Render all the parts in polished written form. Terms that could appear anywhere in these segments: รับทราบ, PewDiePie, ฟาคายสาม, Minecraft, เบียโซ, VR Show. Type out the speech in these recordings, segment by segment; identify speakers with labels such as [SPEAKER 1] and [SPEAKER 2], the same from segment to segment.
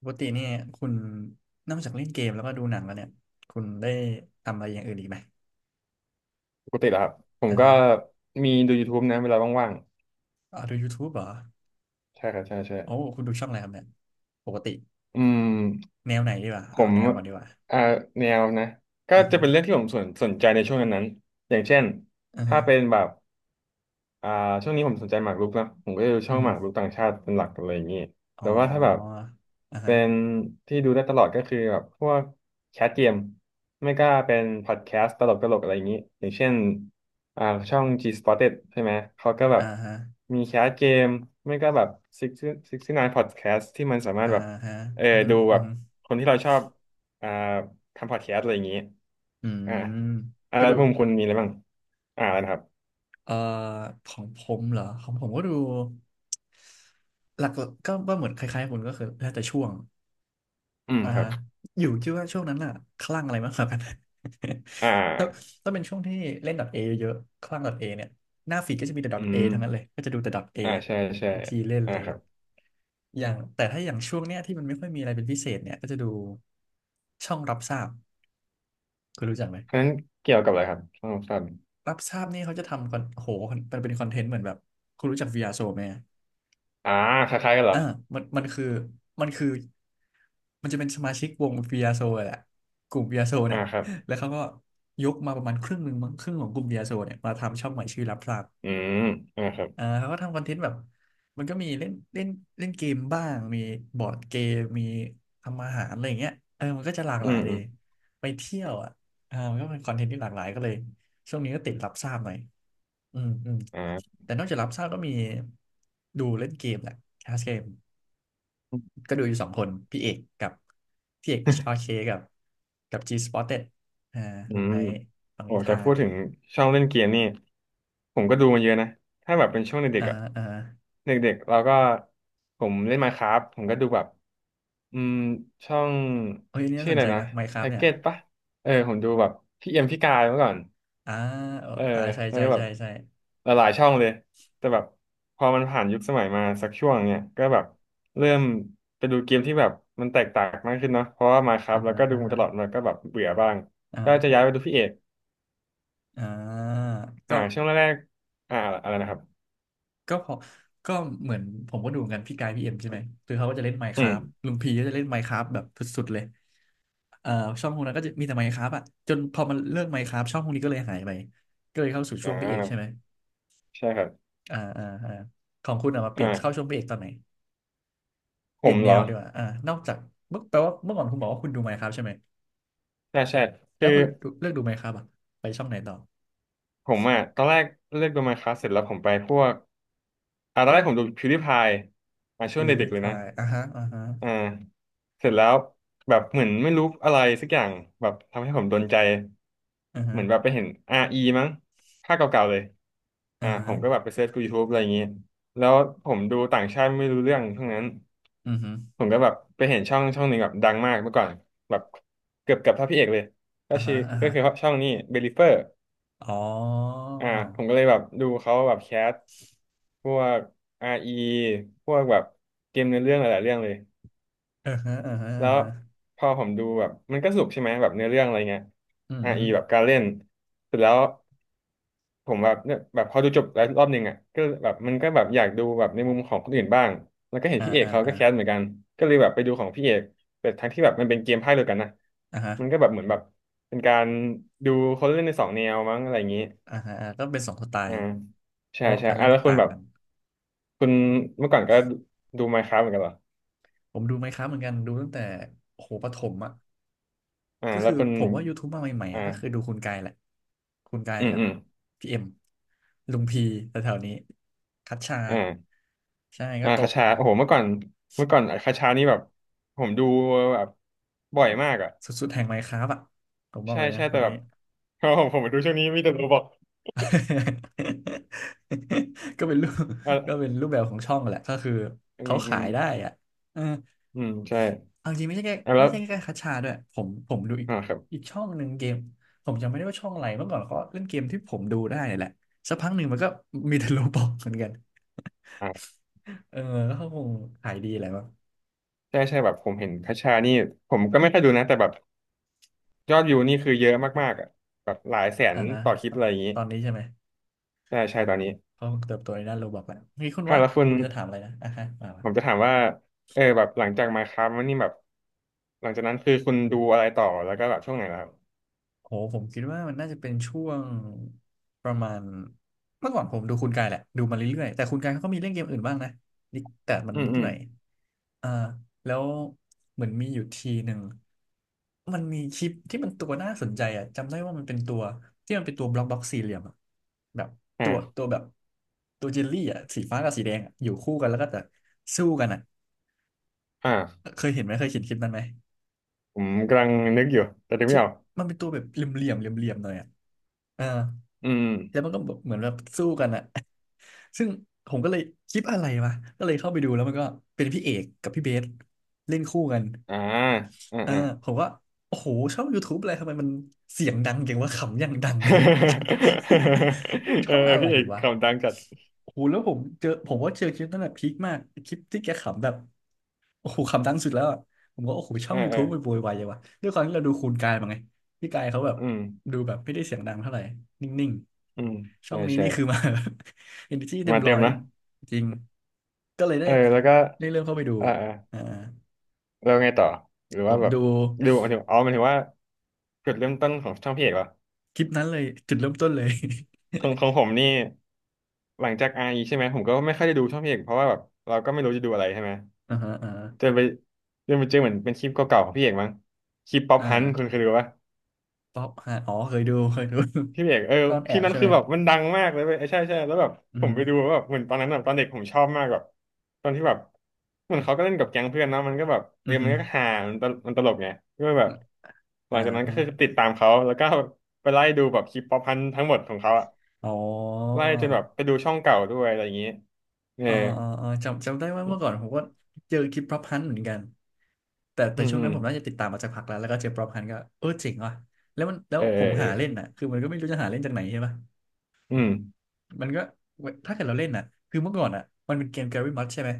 [SPEAKER 1] ปกติเนี่ยคุณนอกจากเล่นเกมแล้วก็ดูหนังแล้วเนี่ยคุณได้ทำอะไรอย่างอื่นอีกไหม
[SPEAKER 2] ปกติเหรอครับผม
[SPEAKER 1] อ่า
[SPEAKER 2] ก็
[SPEAKER 1] ฮะ
[SPEAKER 2] มีดูยูทูบนะเวลาว่าง
[SPEAKER 1] อาดู YouTube เหรอ
[SPEAKER 2] ๆใช่ครับใช่ใช่
[SPEAKER 1] โอ้คุณดูช่องอะไรครับเนี่ยปกติ
[SPEAKER 2] อืม
[SPEAKER 1] แนวไหนดีกว่า
[SPEAKER 2] ผ
[SPEAKER 1] เอา
[SPEAKER 2] ม
[SPEAKER 1] แนวก่อนดีกว่า
[SPEAKER 2] อ่าแนวนะก็
[SPEAKER 1] อ่า
[SPEAKER 2] จะ
[SPEAKER 1] ฮะ
[SPEAKER 2] เป็นเรื่องที่ผมสนใจในช่วงนั้นๆอย่างเช่น
[SPEAKER 1] อ่า
[SPEAKER 2] ถ้า
[SPEAKER 1] ฮะ
[SPEAKER 2] เป็นแบบ อ่าช่วงนี้ผมสนใจหมากรุกนะผมก็จะดูช่
[SPEAKER 1] อื
[SPEAKER 2] อ
[SPEAKER 1] อ
[SPEAKER 2] งห
[SPEAKER 1] ฮึ
[SPEAKER 2] มากรุกต่างชาติเป็นหลักอะไรอย่างนี้
[SPEAKER 1] อ๋อ
[SPEAKER 2] แต่ว่าถ้าแบบ
[SPEAKER 1] อ่า
[SPEAKER 2] เป็
[SPEAKER 1] ฮะ
[SPEAKER 2] นที่ดูได้ตลอดก็คือแบบพวกแคสเกมไม่ก็เป็นพอดแคสต์ตลกตลกอะไรอย่างนี้อย่างเช่นอ่าช่อง G Spotted ใช่ไหมเขาก็แบ
[SPEAKER 1] อ่า
[SPEAKER 2] บ
[SPEAKER 1] ฮะ
[SPEAKER 2] มีแคสเกมไม่ก็แบบ6 69 Podcast ที่มันสามาร
[SPEAKER 1] อ่า
[SPEAKER 2] ถแบบ
[SPEAKER 1] ฮะ
[SPEAKER 2] เออ
[SPEAKER 1] อือฮึ
[SPEAKER 2] ดู
[SPEAKER 1] อื
[SPEAKER 2] แบ
[SPEAKER 1] อ
[SPEAKER 2] บ
[SPEAKER 1] ฮึ
[SPEAKER 2] คนที่เราชอบอ่าทำพอดแคสต์อะไรอย่างนี้
[SPEAKER 1] อื
[SPEAKER 2] อ่า
[SPEAKER 1] ม
[SPEAKER 2] อ่า
[SPEAKER 1] ก็
[SPEAKER 2] แล้ว
[SPEAKER 1] ดู
[SPEAKER 2] มุมคุณมีอะไรบ้างอ่าอะไรนะครับ
[SPEAKER 1] เอ่อของผมเหรอของผมก็ดูหลักๆก็ว่าเหมือนคล้ายๆคุณก็คือแล้วแต่ช่วง
[SPEAKER 2] อืม
[SPEAKER 1] อ่า
[SPEAKER 2] ครั
[SPEAKER 1] ฮะ
[SPEAKER 2] บ
[SPEAKER 1] อยู่คิดว่าช่วงนั้นน่ะคลั่งอะไรมากกว่ากัน
[SPEAKER 2] อ่
[SPEAKER 1] ถ้า
[SPEAKER 2] า
[SPEAKER 1] เป็นช่วงที่เล่น .A เยอะๆคลั่ง .A เนี่ยหน้าฟีดก็จะมีแต่
[SPEAKER 2] อื
[SPEAKER 1] .A
[SPEAKER 2] ม
[SPEAKER 1] ทั้งนั้นเลยก็จะดูแต่ .A
[SPEAKER 2] อ่าใช่ใช่
[SPEAKER 1] วิธีเล่นอะ
[SPEAKER 2] อ่า
[SPEAKER 1] ไรอ
[SPEAKER 2] ครั
[SPEAKER 1] ย่าง
[SPEAKER 2] บ
[SPEAKER 1] แต่ถ้าอย่างช่วงเนี้ยที่มันไม่ค่อยมีอะไรเป็นพิเศษเนี่ยก็จะดูช่องรับทราบคุณรู้จักไหม
[SPEAKER 2] เพราะฉะนั้นเกี่ยวกับอะไรครับช่องลมสั้น
[SPEAKER 1] รับทราบนี่เขาจะทำคอนโอ้โหมันเป็นคอนเทนต์เหมือนแบบคุณรู้จัก VR Show ไหม
[SPEAKER 2] อ่าคล้ายๆกันเหรอ
[SPEAKER 1] อ่ามันคือมันคือมันจะเป็นสมาชิกวงเบียโซแหละกลุ่มเบียโซเนี่
[SPEAKER 2] อ่า
[SPEAKER 1] ย
[SPEAKER 2] ครับ
[SPEAKER 1] แล้วเขาก็ยกมาประมาณครึ่งหนึ่งมั้งครึ่งของกลุ่มเบียโซเนี่ยมาทำช่องใหม่ชื่อรับทราบ
[SPEAKER 2] อืมอ่าครับ
[SPEAKER 1] อ่าเขาก็ทำคอนเทนต์แบบมันก็มีเล่นเล่นเล่นเกมบ้างมีบอร์ดเกมมีทำอาหารอะไรอย่างเงี้ยเออมันก็จะหลาก
[SPEAKER 2] อื
[SPEAKER 1] หลาย
[SPEAKER 2] ม
[SPEAKER 1] เล
[SPEAKER 2] อื
[SPEAKER 1] ย
[SPEAKER 2] ม
[SPEAKER 1] ไปเที่ยวอ่ะอ่ามันก็เป็นคอนเทนต์ที่หลากหลายก็เลยช่วงนี้ก็ติดรับทราบหน่อยอืมอืม
[SPEAKER 2] อ่า
[SPEAKER 1] แต่นอกจากรับทราบก็มีดูเล่นเกมแหละแคสเกม ก็ดูอยู่สองคนพี่เอกกับพี่เอก HRK กับG Spotted อ่า
[SPEAKER 2] อื
[SPEAKER 1] ลุง
[SPEAKER 2] ม
[SPEAKER 1] ไนท์ฟัง
[SPEAKER 2] โอ้
[SPEAKER 1] นิ
[SPEAKER 2] แต่
[SPEAKER 1] ทา
[SPEAKER 2] พู
[SPEAKER 1] น
[SPEAKER 2] ดถึงช่องเล่นเกมนี่ผมก็ดูมาเยอะนะ ถ้าแบบเป็นช่วงเด็
[SPEAKER 1] อ่า
[SPEAKER 2] กๆอ่ะ
[SPEAKER 1] อ่า
[SPEAKER 2] เด็กๆเราก็ผมเล่น Minecraft ผมก็ดูแบบอืมช่อง
[SPEAKER 1] โอ้ยอันนี่น่า
[SPEAKER 2] ชื่อ
[SPEAKER 1] ส
[SPEAKER 2] อะ
[SPEAKER 1] น
[SPEAKER 2] ไร
[SPEAKER 1] ใจ
[SPEAKER 2] นะ
[SPEAKER 1] นะ
[SPEAKER 2] แท็
[SPEAKER 1] Minecraft
[SPEAKER 2] ก
[SPEAKER 1] เนี่ย
[SPEAKER 2] เก็ตปะเออผมดูแบบพี่เอ็มพี่กายเมื่อก่อน
[SPEAKER 1] อ่าเออ
[SPEAKER 2] เออ
[SPEAKER 1] ใช่
[SPEAKER 2] แล้ว
[SPEAKER 1] ใช่
[SPEAKER 2] ก็แบบ
[SPEAKER 1] ใช่ใช่
[SPEAKER 2] หลายๆช่องเลย แต่แบบพอมันผ่านยุคสมัยมาสักช่วงเนี้ยก็แบบเริ่มไปดูเกมที่แบบมันแตกต่างมากขึ้นเนาะเพราะว่ามาครับ
[SPEAKER 1] อ่า
[SPEAKER 2] แล้ว
[SPEAKER 1] ฮะ
[SPEAKER 2] ก็ดู
[SPEAKER 1] อ่า
[SPEAKER 2] มาต
[SPEAKER 1] ฮะ
[SPEAKER 2] ลอดมันก็แบบเบื่อบ้าง
[SPEAKER 1] อ่า
[SPEAKER 2] ก็จะ
[SPEAKER 1] โอ
[SPEAKER 2] ย้ายไปดูพี่เอก
[SPEAKER 1] อ่า
[SPEAKER 2] อ่า
[SPEAKER 1] ก็
[SPEAKER 2] ช่วงแรกๆอ่าอะไรนะครับ
[SPEAKER 1] ก็พอก็เหมือนผมก็ดูเหมือนกันพี่กายพี่เอ็มใช่ไหมคือเขาก็จะเล่น
[SPEAKER 2] อืม
[SPEAKER 1] Minecraft ลุงพีก็จะเล่น Minecraft แบบสุดๆเลยเอ่อช่องพวกนั้นก็จะมีแต่ Minecraft อ่ะจนพอมันเลิก Minecraft ช่องพวกนี้ก็เลยหายไปก็เลยเข้าสู่
[SPEAKER 2] อ่
[SPEAKER 1] ช่วงพี่เอกใช่ไหม
[SPEAKER 2] าใช่ครับ
[SPEAKER 1] อ่าอ่าอ่าของคุณอะมาเปลี่ยนเข้าช่ว
[SPEAKER 2] อ่า
[SPEAKER 1] งพระเอกตอนไหนเป
[SPEAKER 2] ผ
[SPEAKER 1] ลี่ย
[SPEAKER 2] ม
[SPEAKER 1] นแน
[SPEAKER 2] เหร
[SPEAKER 1] ว
[SPEAKER 2] อ
[SPEAKER 1] ดีกว่าอ่านอกจากเมื่อแปลว่าเมื่อก่อนคุณบอกว่าคุณดูไมน์คราฟใช่ไหม
[SPEAKER 2] ใช่ใช่
[SPEAKER 1] แล้
[SPEAKER 2] คื
[SPEAKER 1] ว
[SPEAKER 2] อ
[SPEAKER 1] พอดูเลือกดูไมน์คราฟอะไปช่องไหนต่อ
[SPEAKER 2] ผมอ่ะตอนแรกเลือกโดูมาค e c เสร็จแล้วผมไปพวกตอนแรกผมดู PewDiePie ช่วงเด็กๆเลยนะ
[SPEAKER 1] PewDiePie อ่าฮะอ่าฮะ
[SPEAKER 2] อ่าเสร็จแล้วแบบเหมือนไม่รู้อะไรสักอย่างแบบทำให้ผมโดนใจ
[SPEAKER 1] อ่า
[SPEAKER 2] เห
[SPEAKER 1] ฮะ
[SPEAKER 2] มือนแบบไปเห็น RE มั้งภาคเก่าๆเลย
[SPEAKER 1] อ่า
[SPEAKER 2] ผ
[SPEAKER 1] ฮะ
[SPEAKER 2] มก็แบบไปเซิร์ชกู YouTube อะไรอย่างงี้แล้วผมดูต่างชาติไม่รู้เรื่องทั้งนั้น
[SPEAKER 1] อือฮึ
[SPEAKER 2] ผมก็แบบไปเห็นช่องหนึ่งแบบดังมากเมื่อก่อนแบบเกือบเท่าพี่เอกเลย
[SPEAKER 1] อ่า
[SPEAKER 2] ชื่
[SPEAKER 1] ฮะ
[SPEAKER 2] อ
[SPEAKER 1] อ่า
[SPEAKER 2] ก็
[SPEAKER 1] ฮะ
[SPEAKER 2] คือช่องนี้เบลิเฟอร์
[SPEAKER 1] อ๋อ
[SPEAKER 2] อ่าผมก็เลยแบบดูเขาแบบแคสพวก r ีพวกแบบเกมเนื้อเรื่องหลายๆเรื่องเลย
[SPEAKER 1] อ่าฮะอ่าฮะ
[SPEAKER 2] แล้
[SPEAKER 1] อ่า
[SPEAKER 2] ว
[SPEAKER 1] ฮะ
[SPEAKER 2] พอผมดูแบบมันก็สนุกใช่ไหมแบบเนื้อเรื่องอะไรเงี้ย
[SPEAKER 1] อือฮึ
[SPEAKER 2] r ีแบบการเล่นเสร็จแล้วผมแบบเนี่ยแบบพอดูจบแล้วรอบหนึ่งอ่ะก็แบบมันก็แบบอยากดูแบบในมุมของคนอื่นบ้างแล้วก็เห็น
[SPEAKER 1] อ่า
[SPEAKER 2] พี่เอก
[SPEAKER 1] อ่า
[SPEAKER 2] เขาก็
[SPEAKER 1] อ่า
[SPEAKER 2] แคสเหมือนกันก็เลยแบบไปดูของพี่เอกแต่ทั้งที่แบบมันเป็นเกมภาคเดียวกันนะ
[SPEAKER 1] อ่าฮะ
[SPEAKER 2] มันก็แบบเหมือนแบบเป็นการดูคนเล่นในสองแนวมั้งอะไรอย่างนี้
[SPEAKER 1] อ่าฮะอ่าก็เป็นสองสไต
[SPEAKER 2] อ่า
[SPEAKER 1] ล์เพ
[SPEAKER 2] ใช่
[SPEAKER 1] ราะว่า
[SPEAKER 2] ใช่
[SPEAKER 1] การ
[SPEAKER 2] อ่ะ
[SPEAKER 1] เล่น
[SPEAKER 2] แล้
[SPEAKER 1] ก็
[SPEAKER 2] วคุณ
[SPEAKER 1] ต่าง
[SPEAKER 2] แบบ
[SPEAKER 1] กัน
[SPEAKER 2] คุณเมื่อก่อนก็ดู Minecraft เหมือนกันเหรอ
[SPEAKER 1] ผมดูไมน์คราฟเหมือนกันดูตั้งแต่โอ้โหประถมอะ
[SPEAKER 2] อ่า
[SPEAKER 1] ก็
[SPEAKER 2] แล้
[SPEAKER 1] คื
[SPEAKER 2] ว
[SPEAKER 1] อ
[SPEAKER 2] คุณ
[SPEAKER 1] ผมว่า YouTube มาใหม่ๆ
[SPEAKER 2] อ
[SPEAKER 1] อ่ะก็คือดู
[SPEAKER 2] ่า
[SPEAKER 1] คุณกายแหละคุณกาย
[SPEAKER 2] อืม
[SPEAKER 1] กับ
[SPEAKER 2] อืม
[SPEAKER 1] พี่เอ็มลุงพีแถวๆนี้คัชชา
[SPEAKER 2] อ่า
[SPEAKER 1] ใช่ก็
[SPEAKER 2] อ่า
[SPEAKER 1] โต
[SPEAKER 2] คาชา
[SPEAKER 1] มาแบบ
[SPEAKER 2] โอ้โหเมื่อก่อนคาชานี่แบบผมดูแบบบ่อยมากอ่ะ
[SPEAKER 1] สุดๆแห่งไมน์คราฟอ่ะผมบอก
[SPEAKER 2] ใช่
[SPEAKER 1] เลยนะ
[SPEAKER 2] ใช่
[SPEAKER 1] ค
[SPEAKER 2] แต่
[SPEAKER 1] น
[SPEAKER 2] แบ
[SPEAKER 1] นี้
[SPEAKER 2] บ โอ้โหผมดูช่วงนี้มีแต่ตัวบอก
[SPEAKER 1] ก็เป็นรูป
[SPEAKER 2] อ่า
[SPEAKER 1] แบบของช่องแหละก็คือ
[SPEAKER 2] อื
[SPEAKER 1] เขา
[SPEAKER 2] มอื
[SPEAKER 1] ขา
[SPEAKER 2] ม
[SPEAKER 1] ยได้อ่ะเออ
[SPEAKER 2] อืมใช่
[SPEAKER 1] เอาจริงไม่ใช่แค่
[SPEAKER 2] อ่ะแล้
[SPEAKER 1] ไม่
[SPEAKER 2] ว
[SPEAKER 1] ใช่แค่คัชชาด้วยผมดูอีก
[SPEAKER 2] อ่าครับ
[SPEAKER 1] อีกช่องหนึ่งเกมผมจำไม่ได้ว่าช่องอะไรเมื่อก่อนเขาเล่นเกมที่ผมดูได้เนี่ยแหละสักพักหนึ่งมันก็มีแต่ โลบอกเหมือนกัน
[SPEAKER 2] อ่า
[SPEAKER 1] เออก็เขาคงขายดีแหละมั้ง
[SPEAKER 2] ใช่ใช่แบบผมเห็นคาชานี่ผมก็ไม่ค่อยดูนะแต่แบบยอดวิวนี่คือเยอะมากๆอ่ะแบบหลายแสน
[SPEAKER 1] อ่าฮะ
[SPEAKER 2] ต่อคลิปอะไรอย่างงี้
[SPEAKER 1] ตอนนี้ใช่ไหม
[SPEAKER 2] ใช่ใช่ตอนนี้
[SPEAKER 1] เขาคงเติบโตในด้านโรบอทแหละ มีคุณ
[SPEAKER 2] อ่ะ
[SPEAKER 1] วัด
[SPEAKER 2] แล้วคุณ
[SPEAKER 1] คุณจะถามอะไรนะอ่าฮะมา
[SPEAKER 2] ผมจะถามว่าเออแบบหลังจาก Minecraft มาครับวันนี้แบบหลังจากนั้นคือคุณดูอะไรต่อแล้วก็แบบช่วงไหนแล้วครับ
[SPEAKER 1] โหผมคิดว่ามันน่าจะเป็นช่วงประมาณเมื่อก่อนผมดูคุณกายแหละดูมาเรื่อยๆแต่คุณกายเขาก็มีเล่นเกมอื่นบ้างนะนิดแต่มัน
[SPEAKER 2] อืม
[SPEAKER 1] นิด
[SPEAKER 2] อื
[SPEAKER 1] ห
[SPEAKER 2] ม
[SPEAKER 1] น่อยอ่าแล้วเหมือนมีอยู่ทีหนึ่งมันมีคลิปที่มันตัวน่าสนใจอ่ะจำได้ว่ามันเป็นตัวที่มันเป็นตัวบล็อกสี่เหลี่ยมอ่ะแบบตัว
[SPEAKER 2] อ่า
[SPEAKER 1] แบบตัวเจลลี่อ่ะสีฟ้ากับสีแดงอะอยู่คู่กันแล้วก็จะสู้กันอ่ะ
[SPEAKER 2] อ่า
[SPEAKER 1] เคยเห็นไหมเคยเห็นคลิปนั้นไหม
[SPEAKER 2] ผมกำลังนึกอยู่แต่นึกไม่
[SPEAKER 1] ที่
[SPEAKER 2] ออก
[SPEAKER 1] มันเป็นตัวแบบเหลี่ยมๆเหลี่ยมเหลี่ยมหน่อยอ่ะ เออ
[SPEAKER 2] อืมอืม
[SPEAKER 1] แล้วมันก็แบบเหมือนแบบสู้กันอะ ซึ่งผมก็เลยคลิปอะไรวะก็เลยเข้าไปดูแล้วมันก็เป็นพี่เอกกับพี่เบสเล่นคู่กัน
[SPEAKER 2] อ่าอ่า
[SPEAKER 1] เออ
[SPEAKER 2] อ่า
[SPEAKER 1] ผมว่าโอ้โหช่อง YouTube อะไรทำไมมันเสียงดังเก่งว่าขำอย่างดัง เนี่ย ไม่เป็น
[SPEAKER 2] เอ
[SPEAKER 1] ช่
[SPEAKER 2] อ
[SPEAKER 1] องอะไร
[SPEAKER 2] พี่เอก
[SPEAKER 1] วะ
[SPEAKER 2] คำดังจัด
[SPEAKER 1] โอ้โหแล้วผมเจอผมว่าเจอคลิปนั้นแหละพีคมากคลิปที่แกขำแบบโอ้โหขำดังสุดแล้วอะผมก็โอ้โหช่
[SPEAKER 2] เอ
[SPEAKER 1] อ
[SPEAKER 2] อ
[SPEAKER 1] ง
[SPEAKER 2] เออ
[SPEAKER 1] YouTube ไปโวยวายยังวะด้วยความที่เราดูคูณกายมาไงพี่กายเขาแบบ
[SPEAKER 2] อืม
[SPEAKER 1] ดูแบบไม่ได้เสียงดังเท่าไหร่นิ่ง
[SPEAKER 2] อืม
[SPEAKER 1] ๆช่อ
[SPEAKER 2] ใช่
[SPEAKER 1] งนี้นี่คือ
[SPEAKER 2] ใช่
[SPEAKER 1] มา energy เนอร์จีเต็ม
[SPEAKER 2] มาเต็
[SPEAKER 1] ร้อ
[SPEAKER 2] ม
[SPEAKER 1] ย
[SPEAKER 2] นะ
[SPEAKER 1] จริงก็เลย
[SPEAKER 2] เอ
[SPEAKER 1] ได้
[SPEAKER 2] อแล้วก็
[SPEAKER 1] เริ่มเข้าไปดู
[SPEAKER 2] เอ่าอ่า
[SPEAKER 1] อ่า
[SPEAKER 2] แล้วไงต่อหรือ
[SPEAKER 1] ผ
[SPEAKER 2] ว่า
[SPEAKER 1] ม
[SPEAKER 2] แบบ
[SPEAKER 1] ดู
[SPEAKER 2] ดูหมายถึงอ๋อหมายถึงว่าจุดเริ่มต้นของช่องพี่เอกเหรอ
[SPEAKER 1] คลิปนั้นเลยจุดเริ่มต้นเลย
[SPEAKER 2] ของของผมนี่หลังจากไอใช่ไหมผมก็ไม่ค่อยได้ดูช่องพี่เอกเพราะว่าแบบเราก็ไม่รู้จะดูอะไรใช่ไหม
[SPEAKER 1] อ่าฮะอ่าฮะ
[SPEAKER 2] จนไปจนไปเจอเหมือนเป็นคลิปเก่าๆของพี่เอกมั้งคลิปป๊อป
[SPEAKER 1] อ่
[SPEAKER 2] ฮันคุณเค
[SPEAKER 1] า
[SPEAKER 2] ยดูปะ
[SPEAKER 1] ป๊อปฮะอ๋อเคยดูเคยดู
[SPEAKER 2] พี่เอกเออ
[SPEAKER 1] ซ่อน
[SPEAKER 2] ค
[SPEAKER 1] แอ
[SPEAKER 2] ลิป
[SPEAKER 1] บ
[SPEAKER 2] นั้น
[SPEAKER 1] ใช่
[SPEAKER 2] คื
[SPEAKER 1] ไหม
[SPEAKER 2] อแบบมันดังมากเลยเว้ยเออใช่ใช่แล้วแบบ
[SPEAKER 1] อื
[SPEAKER 2] ผมไปดู
[SPEAKER 1] ม
[SPEAKER 2] แล้วแบบเหมือนตอนนั้นแบบตอนเด็กผมชอบมากแบบตอนที่แบบเหมือนเขาก็เล่นกับแก๊งเพื่อนเนาะมันก็แบบเอ
[SPEAKER 1] อื
[SPEAKER 2] อ
[SPEAKER 1] มอ
[SPEAKER 2] มันก็
[SPEAKER 1] อ
[SPEAKER 2] ฮามันตลกไงก็แบบหลั
[SPEAKER 1] อ่า
[SPEAKER 2] งจากนั้นก็
[SPEAKER 1] ฮะ
[SPEAKER 2] คือติดตามเขาแล้วก็ไปไล่ดูแบบคลิปป๊อปฮันทั้งหมดของเขาอะ
[SPEAKER 1] อ๋อ
[SPEAKER 2] ไล่จนแบบไปดูช่องเก่าด้วยอะไรอย่างงี้เออ
[SPEAKER 1] อ่าอ่าจำได้ว่า
[SPEAKER 2] อื
[SPEAKER 1] เมื่อก่อน
[SPEAKER 2] ม
[SPEAKER 1] ผมก็เจอคลิปป๊อปฮันเหมือนกัน
[SPEAKER 2] อื
[SPEAKER 1] แต่ช่วง
[SPEAKER 2] ม
[SPEAKER 1] นั้นผมน่าจะติดตามมาจากพักแล้ว แล้วก็เจอป๊อปฮันก็เออเจ๋งว่ะแล้ว
[SPEAKER 2] เออเอ
[SPEAKER 1] ผ
[SPEAKER 2] อ
[SPEAKER 1] ม
[SPEAKER 2] เออ
[SPEAKER 1] หาเล่นน่ะ คือมันก็ไม่รู้จะหาเล่นจากไหนใช่ปะ
[SPEAKER 2] อืม
[SPEAKER 1] มันก็ถ้าเกิดเราเล่นน่ะคือเมื่อก่อนอ่ะมันเป็นเกมแกรี่มัดใช่ไหม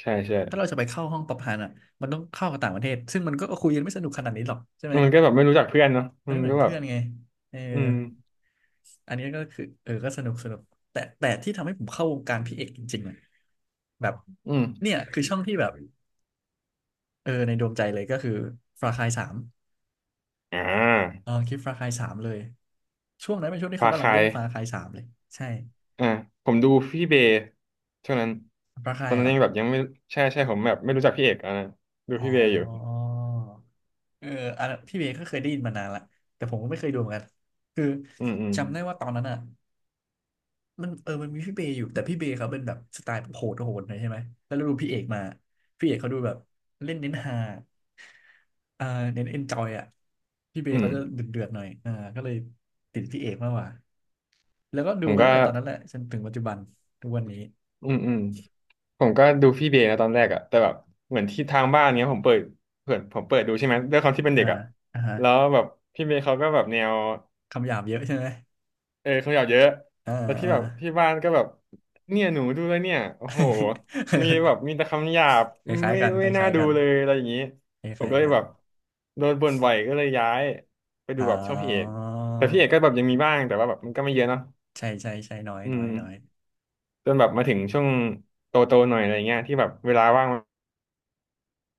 [SPEAKER 2] ใช่ใช่
[SPEAKER 1] ถ้าเราจะไปเข้าห้องป๊อปฮันอ่ะมันต้องเข้ากับต่างประเทศซึ่งมันก็คุยกันไม่สนุกขนาดนี้หรอกใช่ไหม
[SPEAKER 2] มันก็แบบไม่รู้จักเพื่อนเนาะ
[SPEAKER 1] มัน
[SPEAKER 2] มัน
[SPEAKER 1] ไม่เหมือ
[SPEAKER 2] ก็
[SPEAKER 1] น
[SPEAKER 2] แบ
[SPEAKER 1] เพื่
[SPEAKER 2] บ
[SPEAKER 1] อนไงเออ
[SPEAKER 2] อืม
[SPEAKER 1] อันนี้ก็คือเออก็สนุกสนุกแต่ที่ทำให้ผมเข้าวงการพี่เอกจริงๆเลยแบบ
[SPEAKER 2] อืม
[SPEAKER 1] เนี่ยคือช่องที่แบบเออในดวงใจเลยก็คือฟาคายสาม
[SPEAKER 2] อ่า
[SPEAKER 1] เออคลิปฟาคายสามเลยช่วงนั้นเป็นช่วงที่
[SPEAKER 2] พา
[SPEAKER 1] เขากำ
[SPEAKER 2] ใค
[SPEAKER 1] ลั
[SPEAKER 2] ร
[SPEAKER 1] งเล่นฟาคายสามเลยใช่
[SPEAKER 2] อ่าผมดูพี่เบย์ช่วงนั้น
[SPEAKER 1] ฟา
[SPEAKER 2] ต
[SPEAKER 1] คา
[SPEAKER 2] อ
[SPEAKER 1] ย
[SPEAKER 2] นนั้
[SPEAKER 1] เห
[SPEAKER 2] น
[SPEAKER 1] รอ
[SPEAKER 2] ยังแบบยังไม่ใช่ใช่ผมแบบไม่รู้จักพี่เอกอ่ะนะดู
[SPEAKER 1] อ๋
[SPEAKER 2] พี่เบย์อยู่
[SPEAKER 1] อเอออันนั้นพี่เบย์ก็เคยได้ยินมานานละแต่ผมก็ไม่เคยดูเหมือนกันคือ
[SPEAKER 2] อืมอืม
[SPEAKER 1] จำได้ว่าตอนนั้นอ่ะ มันเออมันมีพี่เบย์อยู่แต่พี่เบย์เขาเป็นแบบสไตล์โหดโหดหน่อยใช่ไหมแล้วเราดูพี่เอกมาพี่เอกเขาดูแบบเล่นเน้นฮาอ่าเน้นเอนจอยอ่ะพี่เบ
[SPEAKER 2] อื
[SPEAKER 1] ย์
[SPEAKER 2] ม
[SPEAKER 1] เขาจะเดือดเดือดหน่อยอ่าก็เลยติดพี่เอกมากกว่าแล้วก็
[SPEAKER 2] ผ
[SPEAKER 1] ดู
[SPEAKER 2] ม
[SPEAKER 1] มา
[SPEAKER 2] ก็
[SPEAKER 1] ตั้งแต่ตอนนั้นแหละจนถึงปัจจุบันทุกวันนี้
[SPEAKER 2] อืมอืมผมก็ดูพี่เบย์นะตอนแรกอะแต่แบบเหมือนที่ทางบ้านเนี้ยผมเปิดผมเปิดดูใช่ไหมด้วยความที่เป็นเด็
[SPEAKER 1] อ่า
[SPEAKER 2] กอะ
[SPEAKER 1] อ่าฮะ
[SPEAKER 2] แล้วแบบพี่เบย์เขาก็แบบแนว
[SPEAKER 1] คำหยาบเยอะใช่ไหม
[SPEAKER 2] เออขยับเยอะ
[SPEAKER 1] อ่า
[SPEAKER 2] แล้วที่
[SPEAKER 1] อ่า
[SPEAKER 2] แบบที่บ้านก็แบบเนี่ยหนูดูแล้วเนี่ยโอ้โหมีแบบมีแต่คำหยาบ
[SPEAKER 1] คล้าย
[SPEAKER 2] ไม่
[SPEAKER 1] ๆกันค
[SPEAKER 2] ไม่น่า
[SPEAKER 1] ล้ายๆ
[SPEAKER 2] ดู
[SPEAKER 1] กัน
[SPEAKER 2] เลยอะไรอย่างนี้
[SPEAKER 1] ค
[SPEAKER 2] ผม
[SPEAKER 1] ล้า
[SPEAKER 2] ก็
[SPEAKER 1] ย
[SPEAKER 2] เล
[SPEAKER 1] ๆ
[SPEAKER 2] ย
[SPEAKER 1] กัน
[SPEAKER 2] แบบโดนบ่นบ่อยก็เลยย้ายไป
[SPEAKER 1] อ๋
[SPEAKER 2] ดู
[SPEAKER 1] อ
[SPEAKER 2] แบบช่องพี่เอกแต่พี่เอกก็แบบยังมีบ้างแต่ว่าแบบมันก็ไม่เยอะเนาะ
[SPEAKER 1] ใช่ใช่ใช่น้อย
[SPEAKER 2] อื
[SPEAKER 1] น้อ
[SPEAKER 2] ม
[SPEAKER 1] ยน้อย
[SPEAKER 2] จนแบบมาถึงช่วงโตๆหน่อยอะไรเงี้ยที่แบบเวลาว่าง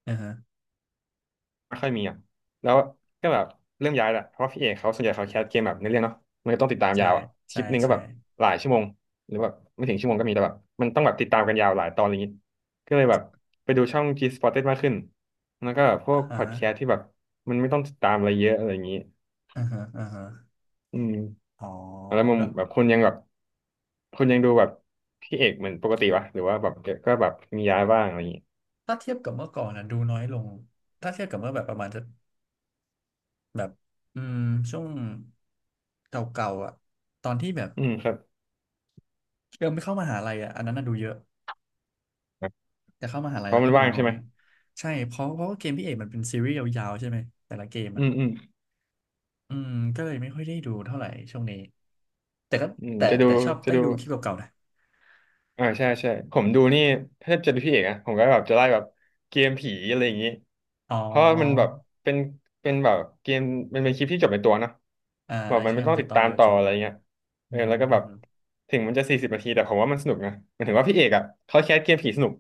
[SPEAKER 1] อ่าฮะ
[SPEAKER 2] ไม่ค่อยมีอ่ะแล้วก็แบบเริ่มย้ายแหละเพราะว่าพี่เอกเขาส่วนใหญ่เขาแคสเกมแบบในเรื่องเนาะมันก็ต้องติดตาม
[SPEAKER 1] ใช่
[SPEAKER 2] ยาวอ่ะค
[SPEAKER 1] ใช่
[SPEAKER 2] ลิปหนึ่งก็
[SPEAKER 1] ใช่
[SPEAKER 2] แบบหลายชั่วโมงหรือแบบไม่ถึงชั่วโมงก็มีแต่แบบมันต้องแบบติดตามกันยาวหลายตอนอะไรอย่างงี้ก็เลยแบบไปดูช่อง G Sported มากขึ้นแล้วก็แบบพว
[SPEAKER 1] อ่า
[SPEAKER 2] กพ
[SPEAKER 1] ฮะ
[SPEAKER 2] อดแคสต์ที่แบบมันไม่ต้องติดตามอะไรเยอะอะไรอย่างงี้
[SPEAKER 1] อ่าฮะอ่าฮะ
[SPEAKER 2] อืม
[SPEAKER 1] อ๋อ
[SPEAKER 2] แล้วมึง
[SPEAKER 1] ก็
[SPEAKER 2] แบบคุณยังแบบคุณยังดูแบบพี่เอกเหมือนปกติวะหรือว่าแบบก็แบบมีย้ายบ้างอะไรอย่างงี้
[SPEAKER 1] ถ้าเทียบกับเมื่อก่อนนะดูน้อยลงถ้าเทียบกับเมื่อแบบประมาณจะแบบอืมช่วงเก่าๆอ่ะตอนที่แบบ
[SPEAKER 2] อืมครับ
[SPEAKER 1] เริ่มไม่เข้ามหาลัยอ่ะอันนั้นน่ะดูเยอะแต่เข้ามหาลั
[SPEAKER 2] เพ
[SPEAKER 1] ย
[SPEAKER 2] ราะ
[SPEAKER 1] แล้ว
[SPEAKER 2] มั
[SPEAKER 1] ก็
[SPEAKER 2] น
[SPEAKER 1] ดู
[SPEAKER 2] ว่าง
[SPEAKER 1] น้อ
[SPEAKER 2] ใช่ไหม
[SPEAKER 1] ย ใช่เพราะว่าเกมพี่เอกมันเป็นซีรีส์ยาวๆใช่ไหมแต่ละเกม
[SPEAKER 2] อื
[SPEAKER 1] อ่ะ
[SPEAKER 2] มอืม
[SPEAKER 1] อืมก็เลยไม่ค่อยได้ดูเท่าไหร่ช่วงนี้แต่ก็
[SPEAKER 2] อืมจะดู
[SPEAKER 1] แต่ชอบ
[SPEAKER 2] จะ
[SPEAKER 1] ได้
[SPEAKER 2] ดู
[SPEAKER 1] ดูคลิปเก่าๆนะ
[SPEAKER 2] ใช่ใช่ผมดูนี่ถ้าจะดูพี่เอกอะผมก็แบบจะไล่แบบเกมผีอะไรอย่างนี้
[SPEAKER 1] อ๋อ
[SPEAKER 2] เพราะว่ามันแบบเป็นแบบเกมมันเป็นคลิปที่จบในตัวเนอะ
[SPEAKER 1] อ่า
[SPEAKER 2] แบบ
[SPEAKER 1] อ่า
[SPEAKER 2] มัน
[SPEAKER 1] ใช่
[SPEAKER 2] ไม่ต้
[SPEAKER 1] มั
[SPEAKER 2] อ
[SPEAKER 1] น
[SPEAKER 2] ง
[SPEAKER 1] จะ
[SPEAKER 2] ติด
[SPEAKER 1] ตอน
[SPEAKER 2] ตาม
[SPEAKER 1] เดียว
[SPEAKER 2] ต่
[SPEAKER 1] จ
[SPEAKER 2] อ
[SPEAKER 1] บ
[SPEAKER 2] อะไรเงี้ย
[SPEAKER 1] อื
[SPEAKER 2] เออ
[SPEAKER 1] ม
[SPEAKER 2] แล้
[SPEAKER 1] อื
[SPEAKER 2] ว
[SPEAKER 1] ม
[SPEAKER 2] ก็แบบ
[SPEAKER 1] อืม
[SPEAKER 2] ถึงมันจะ40 นาทีแต่ผมว่ามันสนุกนะหมายถึงว่าพี่เอกอะเขาแคสเกมผีสนุก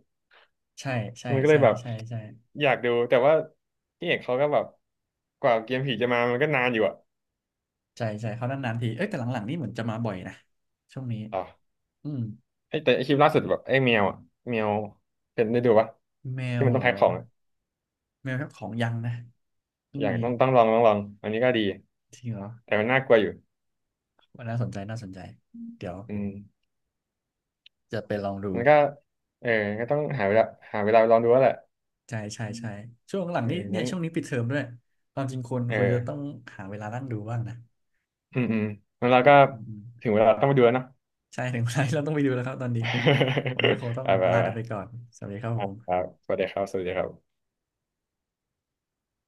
[SPEAKER 1] ใช่ ใช่
[SPEAKER 2] มันก็เล
[SPEAKER 1] ใช่
[SPEAKER 2] ยแบบ
[SPEAKER 1] ใช่ใช่
[SPEAKER 2] อยากดูแต่ว่าพี่เอกเขาก็แบบกว่าเกมผีจะมามันก็นานอยู่อะ
[SPEAKER 1] ใช่ใช่เขานานๆทีเอ้ยแต่หลังๆนี่เหมือนจะมาบ่อยนะช่วงนี้
[SPEAKER 2] อ๋อ
[SPEAKER 1] อืม
[SPEAKER 2] ไอ้แต่ไอ้คลิปล่าสุดแบบไอ้แมวอะแมวเป็นได้ดูปะ
[SPEAKER 1] แม
[SPEAKER 2] ที่
[SPEAKER 1] ว
[SPEAKER 2] มันต้
[SPEAKER 1] เหร
[SPEAKER 2] องแพ็
[SPEAKER 1] อ
[SPEAKER 2] คของอะ
[SPEAKER 1] แมวของยังนะช่ว
[SPEAKER 2] อ
[SPEAKER 1] ง
[SPEAKER 2] ยาก
[SPEAKER 1] นี้
[SPEAKER 2] ต้องลองอันนี้ก็ดี
[SPEAKER 1] จริงเหรอ
[SPEAKER 2] แต่มันน่ากลัวอยู่
[SPEAKER 1] ว่าน่าสนใจน่าสนใจเดี๋ยว
[SPEAKER 2] อืม
[SPEAKER 1] จะไปลองดู
[SPEAKER 2] มันก็เออก็ต้องหาเวลาหาเวลาลองดูแล้วแหละ
[SPEAKER 1] ใช่ใช่ใช่ช่วงหลัง
[SPEAKER 2] เออ
[SPEAKER 1] นี้เนี่ย
[SPEAKER 2] งั้น
[SPEAKER 1] ช่วงนี้ปิดเทอมด้วยความจริงควร
[SPEAKER 2] เออ
[SPEAKER 1] จะต้องหาเวลานั่งดูบ้างนะ
[SPEAKER 2] อืมอืมงั้นเรา
[SPEAKER 1] อื
[SPEAKER 2] ก็
[SPEAKER 1] มอืมอืม
[SPEAKER 2] ถึงเวลาต้องไปดูแล้วเนาะ
[SPEAKER 1] ใช่ถึงเวลาที่เราต้องไปดูแล้วครับตอนนี้วันนี้ก็คงต้ อ
[SPEAKER 2] ไป
[SPEAKER 1] ง
[SPEAKER 2] ไป
[SPEAKER 1] ลา
[SPEAKER 2] ไป
[SPEAKER 1] กันไปก่อนสวัสดีครับผ
[SPEAKER 2] อ่ะครั
[SPEAKER 1] ม
[SPEAKER 2] บสวัสดีครับสวัสดีครับ